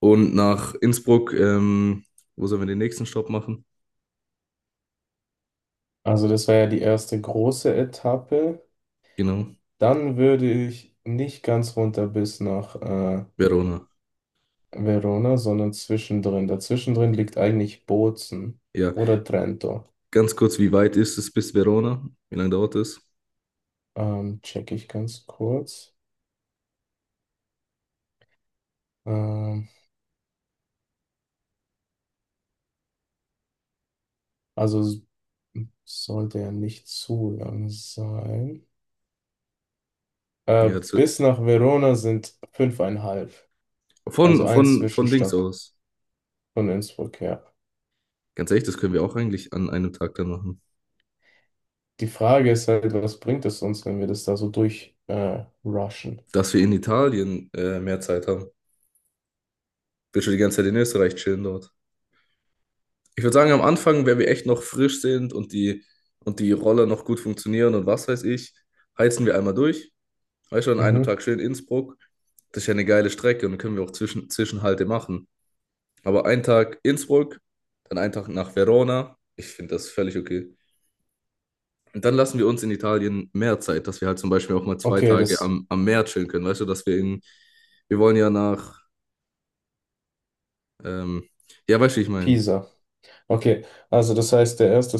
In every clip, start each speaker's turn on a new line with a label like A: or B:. A: Und nach Innsbruck, wo sollen wir den nächsten Stopp machen?
B: Also das war ja die erste große Etappe.
A: Genau,
B: Dann würde ich nicht ganz runter bis nach
A: Verona.
B: Verona, sondern zwischendrin. Dazwischendrin liegt eigentlich Bozen
A: Ja,
B: oder Trento.
A: ganz kurz, wie weit ist es bis Verona? Wie lange dauert es?
B: Check ich ganz kurz. Ähm, also sollte ja nicht zu lang sein. Äh,
A: Ja, das wird
B: bis nach Verona sind 5,5. Also
A: von,
B: ein
A: von, von Dings
B: Zwischenstopp
A: aus.
B: von Innsbruck, ja.
A: Ganz ehrlich, das können wir auch eigentlich an einem Tag dann machen.
B: Die Frage ist halt, was bringt es uns, wenn wir das da so durch rushen?
A: Dass wir in Italien mehr Zeit haben. Will schon die ganze Zeit in Österreich chillen dort. Ich würde sagen, am Anfang, wenn wir echt noch frisch sind und die Roller noch gut funktionieren und was weiß ich, heizen wir einmal durch. Weißt du, an einem
B: Mhm.
A: Tag schön Innsbruck, das ist ja eine geile Strecke und dann können wir auch Zwischenhalte machen. Aber einen Tag Innsbruck, dann einen Tag nach Verona. Ich finde das völlig okay. Und dann lassen wir uns in Italien mehr Zeit, dass wir halt zum Beispiel auch mal zwei
B: Okay,
A: Tage
B: das
A: am Meer chillen können. Weißt du, dass wir in, wir wollen ja nach, ähm, ja, weißt du, wie ich meine,
B: Pisa. Okay, also das heißt, der erste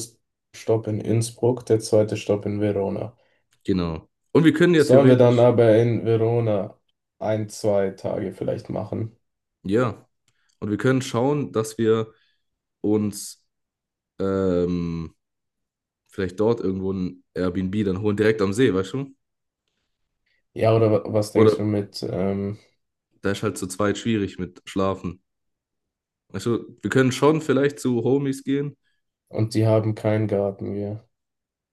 B: Stopp in Innsbruck, der zweite Stopp in Verona.
A: genau. Und wir können ja
B: Sollen wir dann
A: theoretisch,
B: aber in Verona ein, zwei Tage vielleicht machen?
A: ja, und wir können schauen, dass wir uns ähm, vielleicht dort irgendwo ein Airbnb dann holen, direkt am See, weißt du?
B: Ja, oder was denkst du
A: Oder,
B: mit,
A: da ist halt zu zweit schwierig mit Schlafen. Also, wir können schon vielleicht zu Homies gehen.
B: und die haben keinen Garten, ja.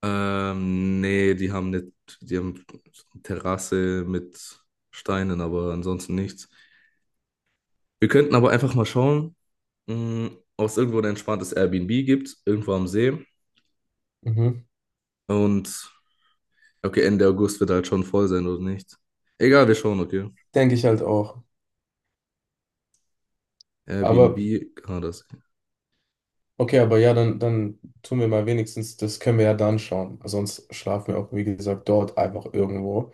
A: Nee, die haben nicht, die haben Terrasse mit Steinen, aber ansonsten nichts. Wir könnten aber einfach mal schauen, mh, ob es irgendwo ein entspanntes Airbnb gibt, irgendwo am See.
B: Mhm.
A: Und okay, Ende August wird halt schon voll sein oder nicht. Egal, wir schauen, okay.
B: Denke ich halt auch. Aber,
A: Airbnb, ah, das.
B: okay, aber ja, dann tun wir mal wenigstens, das können wir ja dann schauen. Sonst schlafen wir auch, wie gesagt, dort einfach irgendwo.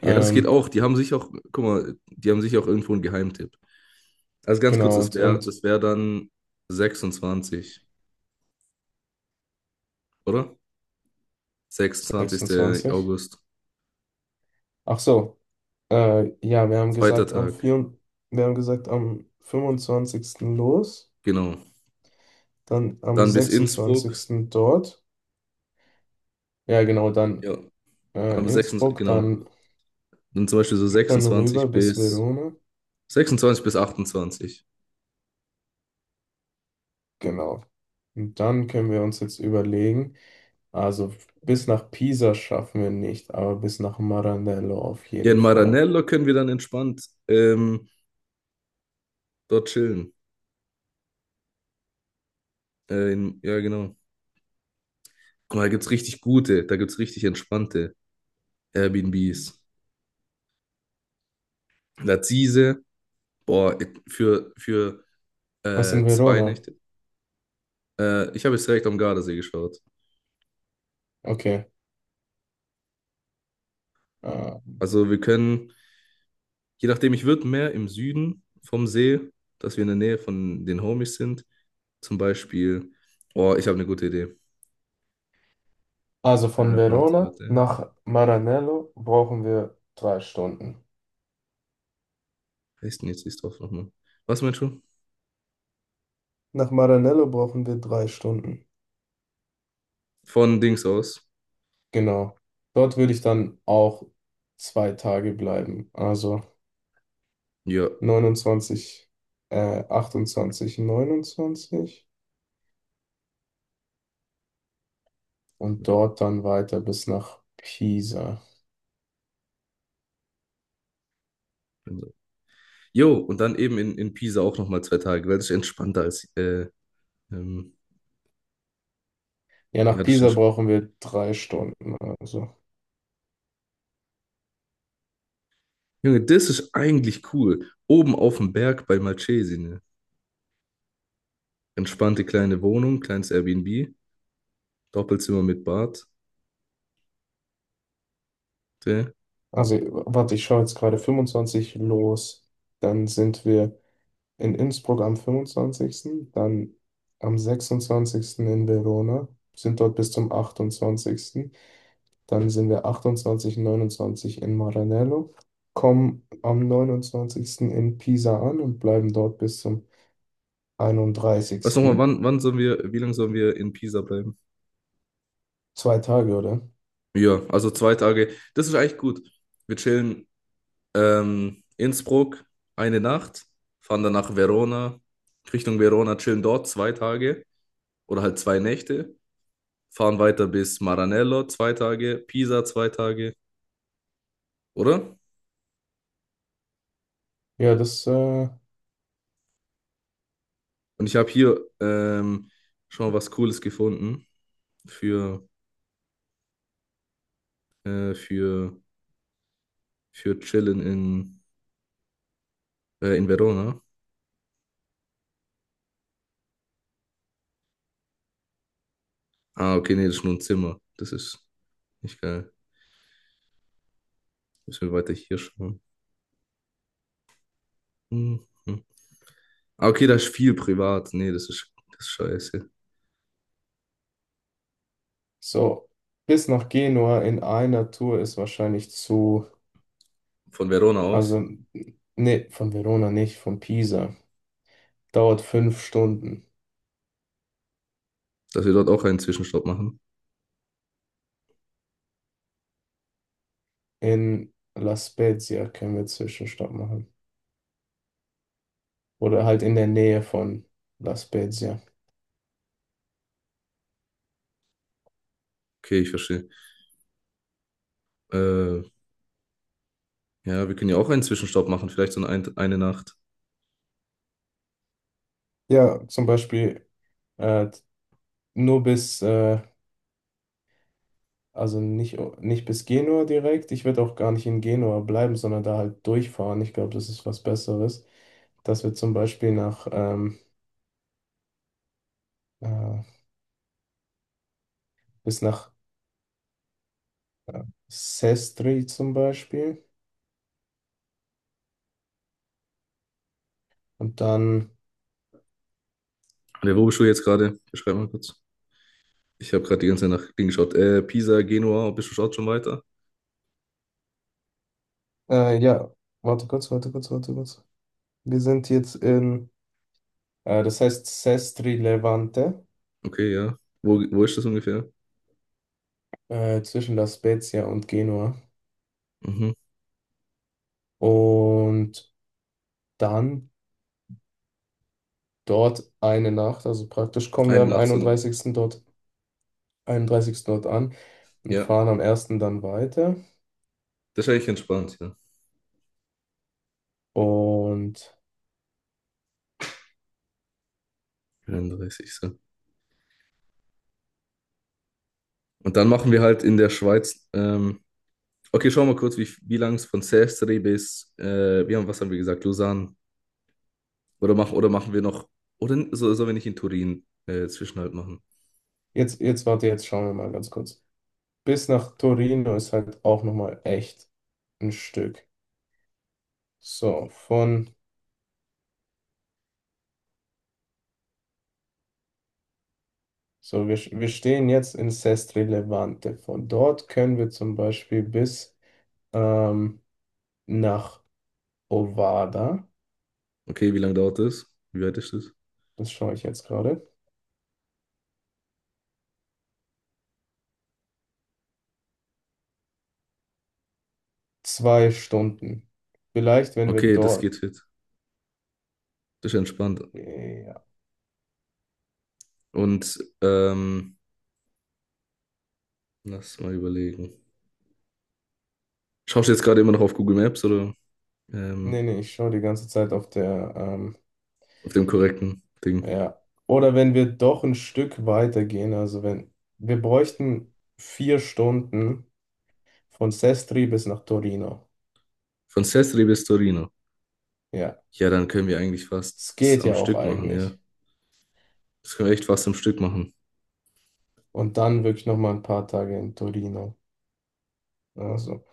A: Ja, das geht
B: Ähm,
A: auch. Die haben sich auch, guck mal, die haben sich auch irgendwo einen Geheimtipp. Also ganz kurz,
B: genau,
A: das
B: und,
A: wäre
B: und
A: das wär dann 26., oder? 26.
B: 26.
A: August,
B: Ach so. Ja, wir haben
A: zweiter
B: gesagt,
A: Tag,
B: wir haben gesagt, am 25. los,
A: genau.
B: dann am
A: Dann bis Innsbruck,
B: 26. dort. Ja, genau, dann
A: ja, am 26.,
B: Innsbruck,
A: genau.
B: dann,
A: Dann zum Beispiel so
B: dann rüber
A: 26.
B: bis
A: bis
B: Verona.
A: 26. bis 28.
B: Genau. Und dann können wir uns jetzt überlegen, also bis nach Pisa schaffen wir nicht, aber bis nach Maranello auf
A: Hier in
B: jeden Fall.
A: Maranello können wir dann entspannt dort chillen. In, ja, genau. Guck mal, da gibt's richtig gute, da gibt's richtig entspannte Airbnbs. Lazise, boah, für
B: Was in
A: zwei
B: Verona?
A: Nächte. Ich habe jetzt direkt am Gardasee geschaut.
B: Okay. Äh,
A: Also wir können, je nachdem, ich würde mehr im Süden vom See, dass wir in der Nähe von den Homies sind. Zum Beispiel, oh, ich habe eine gute Idee.
B: also von
A: Warte,
B: Verona
A: warte,
B: nach Maranello brauchen wir 3 Stunden.
A: heißt denn jetzt die Dorf nochmal? Was meinst du?
B: Nach Maranello brauchen wir drei Stunden.
A: Von Dings aus.
B: Genau. Dort würde ich dann auch 2 Tage bleiben. Also
A: Ja.
B: 29, 28, 29 und dort dann weiter bis nach Pisa.
A: Jo, und dann eben in Pisa auch nochmal 2 Tage, weil das ist entspannter als, ähm,
B: Ja,
A: ja,
B: nach
A: das ist
B: Pisa
A: entspannt.
B: brauchen wir 3 Stunden. Also,
A: Junge, das ist eigentlich cool. Oben auf dem Berg bei Malcesine. Entspannte kleine Wohnung, kleines Airbnb. Doppelzimmer mit Bad. Okay?
B: also warte, ich schaue jetzt gerade 25 los. Dann sind wir in Innsbruck am 25., dann am 26. in Verona, sind dort bis zum 28. Dann sind wir 28, 29 in Maranello, kommen am 29. in Pisa an und bleiben dort bis zum
A: Weißt du nochmal,
B: einunddreißigsten.
A: wann sollen wir, wie lange sollen wir in Pisa bleiben?
B: 2 Tage, oder?
A: Ja, also 2 Tage. Das ist eigentlich gut. Wir chillen Innsbruck eine Nacht, fahren dann nach Verona, Richtung Verona, chillen dort 2 Tage oder halt 2 Nächte, fahren weiter bis Maranello 2 Tage, Pisa 2 Tage, oder?
B: Ja, das
A: Und ich habe hier schon mal was Cooles gefunden für, äh, für, für Chillen in Verona. Ah, okay, nee, das ist nur ein Zimmer. Das ist nicht geil. Müssen wir weiter hier schauen. Mhm. Ah, okay, da ist viel privat. Nee, das ist scheiße.
B: so bis nach Genua in einer Tour ist wahrscheinlich zu,
A: Von Verona aus,
B: also nee, von Verona nicht, von Pisa. Dauert 5 Stunden.
A: dass wir dort auch einen Zwischenstopp machen.
B: In La Spezia können wir Zwischenstopp machen. Oder halt in der Nähe von La Spezia.
A: Okay, ich verstehe. Äh, ja, wir können ja auch einen Zwischenstopp machen, vielleicht so eine Nacht.
B: Ja, zum Beispiel äh, nur bis, also nicht bis Genua direkt. Ich würde auch gar nicht in Genua bleiben, sondern da halt durchfahren. Ich glaube, das ist was Besseres. Dass wir zum Beispiel äh, bis nach äh, Sestri zum Beispiel. Und dann,
A: Und wo bist du jetzt gerade? Beschreib mal kurz. Ich habe gerade die ganze Nacht hingeschaut. Pisa, Genua, bist du schaut schon weiter?
B: ja, warte kurz, warte kurz, warte kurz. Wir sind jetzt in, das heißt Sestri Levante,
A: Okay, ja. Wo ist das ungefähr?
B: zwischen La Spezia und Genua.
A: Mhm.
B: Und dann dort eine Nacht, also praktisch kommen wir
A: Eine
B: am
A: Nacht so ein,
B: 31. dort 31. dort an und
A: ja.
B: fahren am ersten dann weiter.
A: Das ist eigentlich entspannt, ja.
B: Und
A: 31. Und dann machen wir halt in der Schweiz. Okay, schauen wir mal kurz, wie lang es von Sestre bis, wir haben, was haben wir gesagt, Lausanne. Oder machen wir noch, oder so, sollen wir nicht in Turin Zwischenhalt machen?
B: jetzt warte, jetzt schauen wir mal ganz kurz. Bis nach Torino ist halt auch nochmal echt ein Stück. So, so wir stehen jetzt in Sestri Levante. Von dort können wir zum Beispiel bis ähm, nach Ovada,
A: Okay, wie lange dauert das? Wie weit ist das?
B: das schaue ich jetzt gerade, 2 Stunden. Vielleicht, wenn wir
A: Okay, das geht
B: dort,
A: fit. Das ist entspannt.
B: ja,
A: Und lass mal überlegen. Schaust du jetzt gerade immer noch auf Google Maps oder
B: nee,
A: ähm,
B: nee, ich schaue die ganze Zeit auf der
A: auf dem korrekten Ding?
B: Ja. Oder wenn wir doch ein Stück weiter gehen, also wenn wir bräuchten 4 Stunden von Sestri bis nach Torino.
A: Von Sestri bis Torino.
B: Ja,
A: Ja, dann können wir eigentlich fast
B: es
A: das
B: geht
A: am
B: ja auch
A: Stück machen, ja.
B: eigentlich.
A: Das können wir echt fast am Stück machen.
B: Und dann wirklich noch mal ein paar Tage in Torino. Also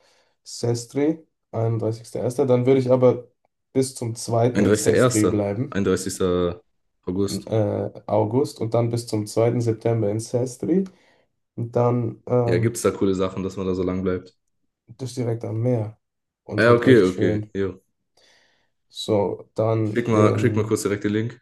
B: Sestri, 31.01. Dann würde ich aber bis zum zweiten in Sestri
A: 31.01.,
B: bleiben,
A: 31. August.
B: August, und dann bis zum zweiten September in Sestri. Und dann
A: Ja, gibt's da coole Sachen, dass man da so lang bleibt?
B: das direkt am Meer. Und
A: Ja,
B: halt
A: okay,
B: echt
A: okay.
B: schön.
A: Jo.
B: So, dann
A: Schick mal
B: in.
A: kurz direkt den Link.